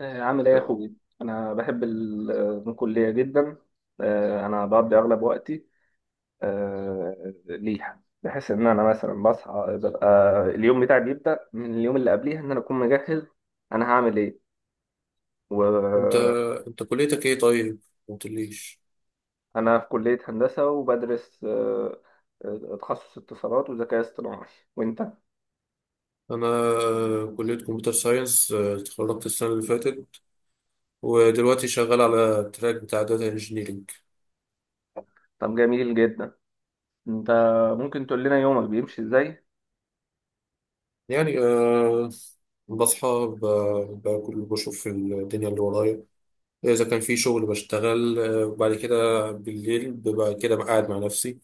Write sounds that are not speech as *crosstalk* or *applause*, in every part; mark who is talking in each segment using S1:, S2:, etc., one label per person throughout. S1: عامل ايه يا اخوي؟ انا بحب الكليه جدا. انا بقضي اغلب وقتي ليها، بحس ان انا مثلا بصحى ببقى اليوم بتاعي بيبدا من اليوم اللي قبليها، ان انا اكون مجهز انا هعمل ايه. وانا
S2: انت انت كليتك ايه؟ طيب ما قلتليش.
S1: في كليه هندسه وبدرس تخصص اتصالات وذكاء اصطناعي. وانت؟
S2: انا كلية كمبيوتر ساينس، اتخرجت السنة اللي فاتت ودلوقتي شغال على التراك بتاع داتا انجينيرنج.
S1: طب جميل جدا. انت ممكن تقول لنا يومك بيمشي ازاي؟
S2: يعني بصحى، باكل، بشوف في الدنيا اللي ورايا. اذا كان في شغل بشتغل، وبعد كده بالليل ببقى كده قاعد مع نفسي.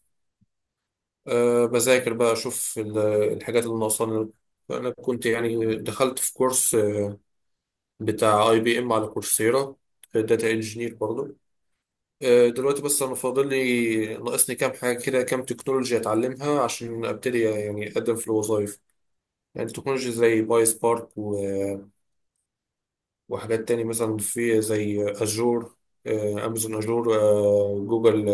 S2: بذاكر بقى، اشوف الحاجات اللي ناقصاني. انا كنت يعني دخلت في كورس، بتاع اي بي ام على كورسيرا، داتا انجينير برضه. دلوقتي بس انا فاضل لي، ناقصني كام حاجه كده، كام تكنولوجيا اتعلمها عشان ابتدي يعني اقدم في الوظائف. يعني تكنولوجيا زي باي سبارك وحاجات تاني مثلا في، زي اجور، امازون اجور، جوجل،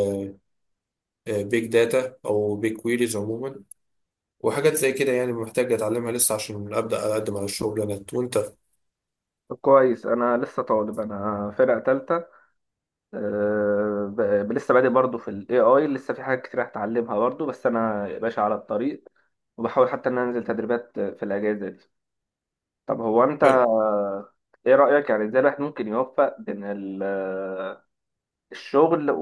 S2: بيج داتا او بيج كويريز عموما. وحاجات زي كده، يعني محتاج اتعلمها لسه عشان ابدا اقدم على الشغلانات. وانت؟
S1: طب كويس، انا لسه طالب، انا فرقه تالتة. لسه بادئ برضه في ال AI، لسه في حاجات كتير هتعلمها برضه، بس أنا يا باشا على الطريق. وبحاول حتى إن أنا أنزل تدريبات في الأجازة دي. طب هو أنت
S2: حلو.
S1: إيه رأيك، يعني إزاي الواحد ممكن يوفق بين الشغل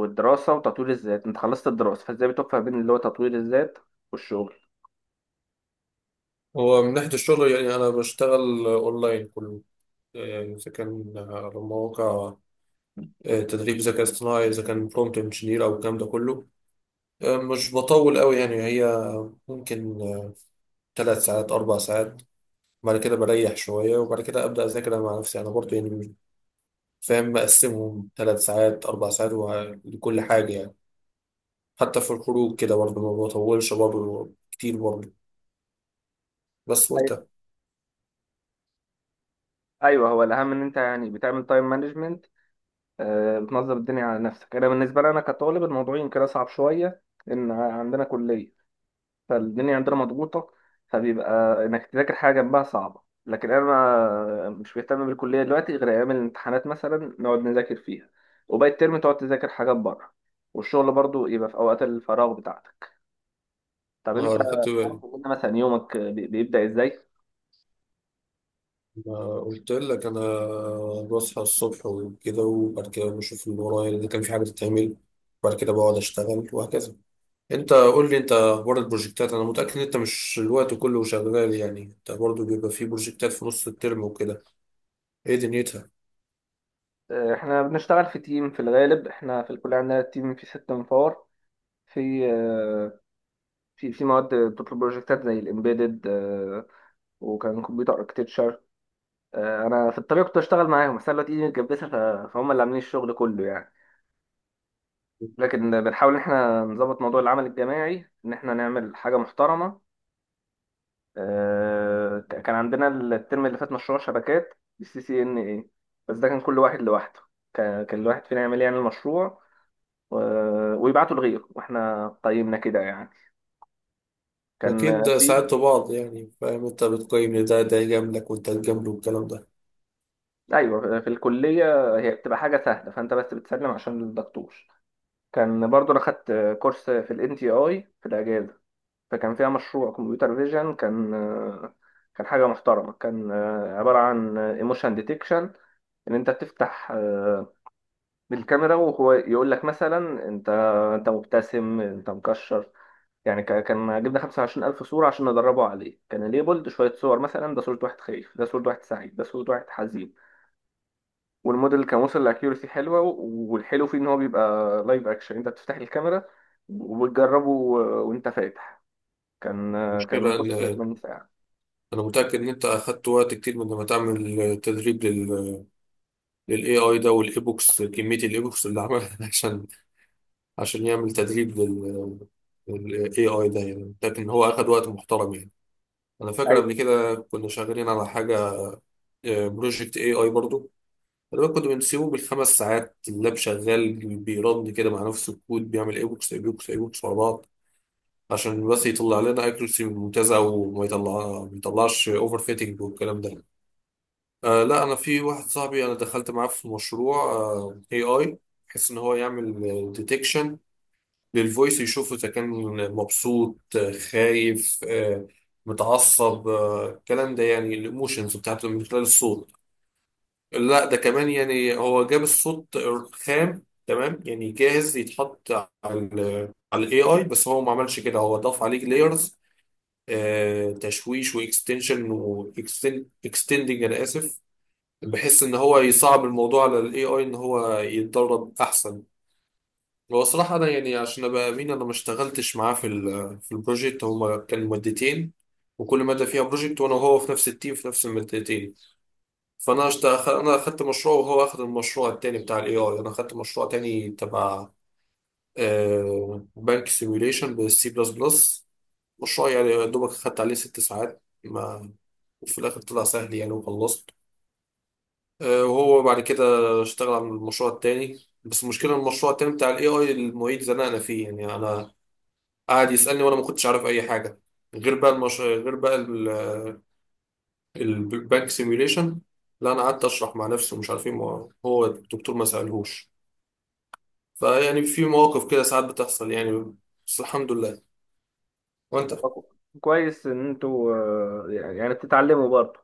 S1: والدراسة وتطوير الذات؟ أنت خلصت الدراسة، فإزاي بتوفق بين اللي هو تطوير الذات والشغل؟
S2: هو من ناحيه الشغل يعني انا بشتغل اونلاين كله. يعني اذا كان على مواقع تدريب ذكاء اصطناعي، اذا كان برومبت انجينير او الكلام ده كله، مش بطول قوي يعني. هي ممكن 3 ساعات، 4 ساعات. بعد كده بريح شويه، وبعد كده ابدا اذاكر أنا مع نفسي. انا برضه يعني فاهم، مقسمهم 3 ساعات، اربع ساعات لكل حاجه يعني. حتى في الخروج كده برضه ما بطولش برضه كتير برضه. بس.
S1: أيوه.
S2: وانت؟
S1: أيوه، هو الأهم إن أنت يعني بتعمل تايم مانجمنت، بتنظم الدنيا على نفسك. أنا بالنسبة لي، أنا كطالب الموضوع يمكن أصعب شوية، إن عندنا كلية، فالدنيا عندنا مضغوطة، فبيبقى إنك تذاكر حاجة جنبها صعبة. لكن أنا مش مهتم بالكلية دلوقتي غير أيام الامتحانات، مثلا نقعد نذاكر فيها، وباقي الترم تقعد تذاكر حاجات بره، والشغل برضو يبقى في أوقات الفراغ بتاعتك. طب
S2: اه
S1: أنت
S2: انا خدت
S1: تعرف،
S2: بالي.
S1: قلنا مثلا يومك بيبدأ إزاي؟
S2: ما قلت لك، انا بصحى الصبح وكده، وبعد كده بشوف اللي ورايا اذا كان في حاجه تتعمل، وبعد كده بقعد اشتغل وهكذا. انت قول لي، انت اخبار البروجكتات؟ انا متاكد ان انت مش الوقت كله شغال، يعني انت برضو بيبقى في بروجكتات في نص الترم وكده. ايه دنيتها؟
S1: إحنا بنشتغل في تيم في الغالب، إحنا في الكلية عندنا تيم فيه ست منفور. في آه، في في مواد بتطلب بروجكتات زي الإمبيدد وكان كمبيوتر اركتكتشر. انا في الطريق كنت اشتغل معاهم، بس انا دلوقتي ايدي متجبسه، فهم اللي عاملين الشغل كله يعني. لكن بنحاول ان احنا نظبط موضوع العمل الجماعي، ان احنا نعمل حاجه محترمه. كان عندنا الترم اللي فات مشروع شبكات بالسي سي ان اي، بس ده كان كل واحد لوحده. كان الواحد فينا يعمل يعني المشروع ويبعته لغيره، واحنا قيمنا كده يعني. كان
S2: اكيد
S1: في
S2: ساعدتوا بعض، يعني فاهم انت بتقيم ان ده يجاملك وانت تجامله والكلام ده.
S1: *laughs* ايوه، في الكليه هي بتبقى حاجه سهله، فانت بس بتسلم عشان الدكتور. كان برضو انا خدت كورس في الان تي اي في الاجازه، فكان فيها مشروع كمبيوتر فيجن. كان كان حاجة محترمة، كان عبارة عن ايموشن ديتكشن، ان انت تفتح بالكاميرا، وهو يقول لك مثلا انت مبتسم، انت مكشر. يعني كان جبنا 25,000 صورة عشان ندربه عليه، كان ليبلد شوية صور، مثلا ده صورة واحد خايف، ده صورة واحد سعيد، ده صورة واحد حزين. والموديل كان وصل لاكيورسي حلوة، والحلو فيه ان هو بيبقى لايف اكشن، انت بتفتح الكاميرا وبتجربه وانت فاتح. كان
S2: المشكله
S1: الكورس
S2: ان
S1: 8 ساعات.
S2: انا متاكد ان انت اخدت وقت كتير من لما تعمل تدريب للاي اي ده، والايبوكس، كميه الايبوكس اللي عملها *laughs* عشان، يعمل تدريب للاي اي ده. يعني متاكد ان هو اخد وقت محترم يعني. انا فاكر
S1: ايوه،
S2: قبل كده كنا شغالين على حاجه، بروجكت اي اي برضو. انا كنت بنسيبه بالخمس ساعات، اللاب شغال، بيرن كده مع نفس الكود، بيعمل اي بوكس ورا بعض، عشان بس يطلع لنا اكيرسي ممتازه، وما يطلع، ما يطلعش اوفر فيتنج والكلام ده. آه لا، انا في واحد صاحبي انا دخلت معاه في مشروع اي اي، بحيث ان هو يعمل ديتكشن للفويس، يشوف اذا كان مبسوط، خايف، متعصب، الكلام ده، يعني الايموشنز بتاعته من خلال الصوت. لا ده كمان، يعني هو جاب الصوت خام تمام، يعني جاهز يتحط على ال على الاي اي. بس هو ما عملش كده، هو ضاف عليه لايرز تشويش، واكستندنج، انا اسف، بحيث ان هو يصعب الموضوع على الاي اي ان هو يتدرب احسن. هو صراحة، انا يعني عشان ابقى امين، انا ما اشتغلتش معاه في البروجكت. هما كان مادتين، وكل مادة فيها بروجكت، وانا وهو في نفس التيم في نفس المادتين. انا اخدت مشروع وهو اخد المشروع التاني بتاع الاي اي. انا اخدت مشروع تاني تبع بنك سيميوليشن بالسي بلس بلس. مشروع يعني يا دوبك اخدت عليه 6 ساعات، ما وفي الاخر طلع سهل يعني وخلصت. وهو بعد كده اشتغل على المشروع التاني. بس المشكله إن المشروع التاني بتاع الاي اي، المعيد زنقنا فيه. يعني انا قعد يسالني وانا ما كنتش عارف اي حاجه غير بقى، البانك سيميوليشن. لا انا قعدت اشرح مع نفسي ومش عارف ايه، هو الدكتور ما سالهوش. فيعني في مواقف كده ساعات بتحصل يعني. بس الحمد لله. وانت؟
S1: كويس ان انتوا يعني بتتعلموا برضه.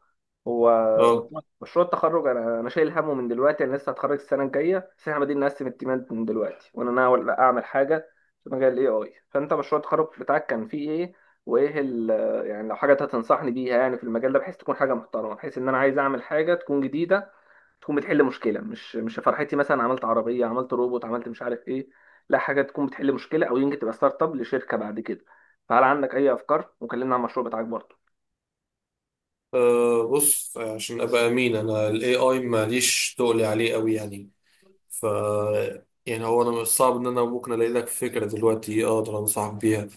S1: هو
S2: اه.
S1: مشروع التخرج، انا شايل همه من دلوقتي، انا لسه هتخرج السنه الجايه، بس احنا بادئين نقسم التيمات من دلوقتي، وانا ناوي اعمل حاجه في مجال الاي اي. فانت مشروع التخرج بتاعك كان فيه ايه، وايه ال يعني لو حاجه هتنصحني بيها يعني في المجال ده، بحيث تكون حاجه محترمه، بحيث ان انا عايز اعمل حاجه تكون جديده، تكون بتحل مشكله، مش فرحتي مثلا عملت عربيه، عملت روبوت، عملت مش عارف ايه. لا، حاجه تكون بتحل مشكله، او يمكن تبقى ستارت اب لشركه بعد كده. فهل عندك اي افكار؟ وكلمنا عن المشروع بتاعك برضه.
S2: بص، عشان ابقى امين، انا الاي اي ماليش تقلي عليه قوي يعني. ف يعني هو انا مش صعب ان انا ممكن الاقي لك فكره دلوقتي اقدر انصحك بيها.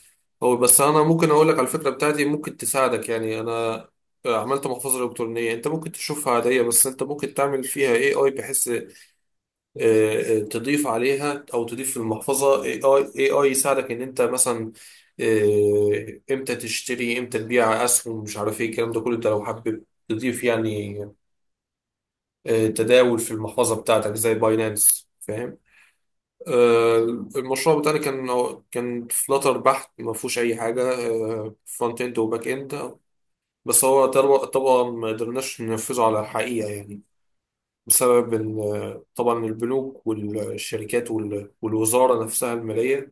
S2: هو بس انا ممكن اقول لك على الفكره بتاعتي ممكن تساعدك. يعني انا عملت محفظه الكترونيه. انت ممكن تشوفها عاديه، بس انت ممكن تعمل فيها اي اي، بحيث تضيف عليها، او تضيف في المحفظه اي اي AI يساعدك ان انت مثلا امتى تشتري، امتى تبيع اسهم، مش عارف ايه الكلام ده كله. انت لو حابب تضيف، يعني تداول في المحفظه بتاعتك زي باينانس فاهم. آه، المشروع بتاعنا كان، فلاتر بحت، ما فيهوش اي حاجه. فرونت اند وباك اند. بس هو طبعا، ما قدرناش ننفذه على الحقيقه، يعني بسبب طبعا البنوك والشركات والوزارة نفسها المالية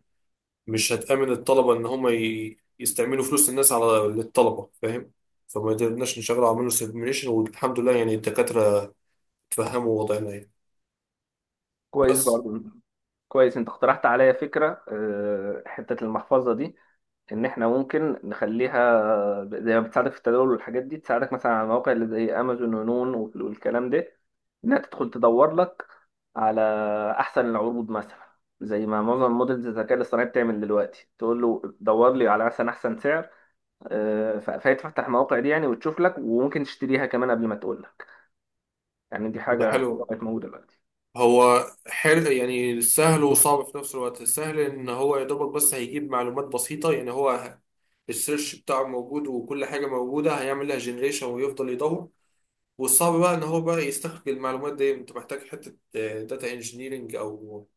S2: مش هتأمن الطلبة إن هم يستعملوا فلوس الناس على للطلبة فاهم. فما قدرناش نشغل، عملنا سيميوليشن والحمد لله، يعني الدكاترة فهموا وضعنا يعني.
S1: كويس
S2: بس.
S1: برضه. كويس، انت اقترحت عليا فكره حته المحفظه دي، ان احنا ممكن نخليها زي ما بتساعدك في التداول والحاجات دي، تساعدك مثلا على المواقع اللي زي امازون ونون والكلام ده، انها تدخل تدور لك على احسن العروض مثلا. زي ما معظم موديلز الذكاء الاصطناعي بتعمل دلوقتي، تقول له دور لي على مثلا احسن سعر. فهي تفتح المواقع دي يعني، وتشوف لك، وممكن تشتريها كمان قبل ما تقول لك. يعني دي
S2: ده
S1: حاجه حلوه
S2: حلو.
S1: بقت موجوده دلوقتي.
S2: هو حلو، يعني سهل وصعب في نفس الوقت. سهل إن هو يا دوبك بس هيجيب معلومات بسيطة. يعني هو السيرش بتاعه موجود وكل حاجة موجودة، هيعمل لها جنريشن ويفضل يدور. والصعب بقى ان هو بقى يستخرج المعلومات دي. انت محتاج حته داتا انجينيرنج، او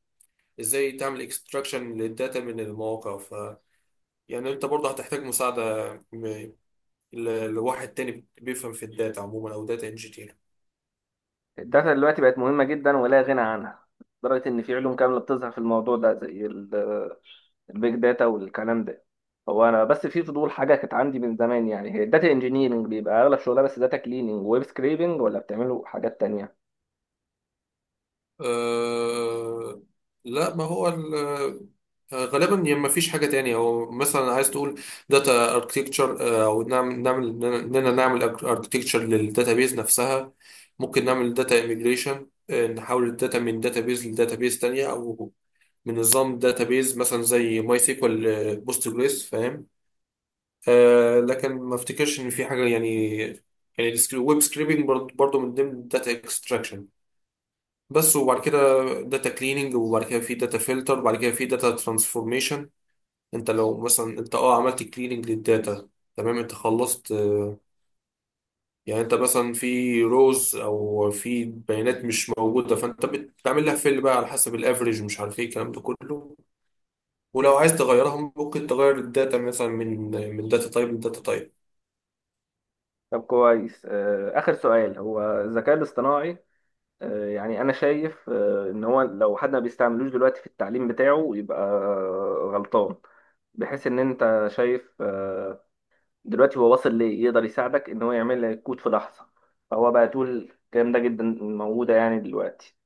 S2: ازاي تعمل اكستراكشن للداتا من المواقع. يعني انت برضه هتحتاج مساعده، لواحد تاني بيفهم في الداتا عموما او داتا انجينير.
S1: الداتا دلوقتي بقت مهمة جدا، ولا غنى عنها، لدرجة إن في علوم كاملة بتظهر في الموضوع ده، زي البيج داتا والكلام ده. هو أنا بس في فضول حاجة كانت عندي من زمان، يعني هي الداتا انجينيرنج بيبقى أغلب شغلها بس داتا كليننج وويب سكريبنج، ولا بتعملوا حاجات تانية؟
S2: أه لا، ما هو غالبا يعني ما فيش حاجة تانية. هو مثلا عايز تقول داتا اركتكتشر، او نعمل اننا نعمل اركتكتشر للداتابيز نفسها. ممكن نعمل داتا اميجريشن، نحول الداتا من داتابيز لداتابيز تانية، او من نظام داتابيز مثلا زي ماي سيكوال بوستجريس فاهم. أه لكن ما افتكرش ان في حاجة يعني. يعني الويب سكريبنج برضه من ضمن الداتا اكستراكشن. بس. وبعد كده داتا كليننج، وبعد كده في داتا فلتر، وبعد كده في داتا ترانسفورميشن. انت لو مثلا انت اه عملت كليننج للداتا، تمام انت خلصت. يعني انت مثلا في روز، او في بيانات مش موجوده، فانت بتعمل لها فيل بقى على حسب الافريج، مش عارف ايه الكلام ده كله. ولو عايز تغيرها ممكن تغير الداتا مثلا من داتا تايب لداتا تايب
S1: طب كويس، آخر سؤال، هو الذكاء الاصطناعي يعني أنا شايف إن هو لو حد ما بيستعملوش دلوقتي في التعليم بتاعه يبقى غلطان، بحيث إن أنت شايف دلوقتي هو وصل ليه يقدر يساعدك ان هو يعمل لك كود في لحظه. فهو بقى تقول الكلام ده جدا موجوده يعني دلوقتي.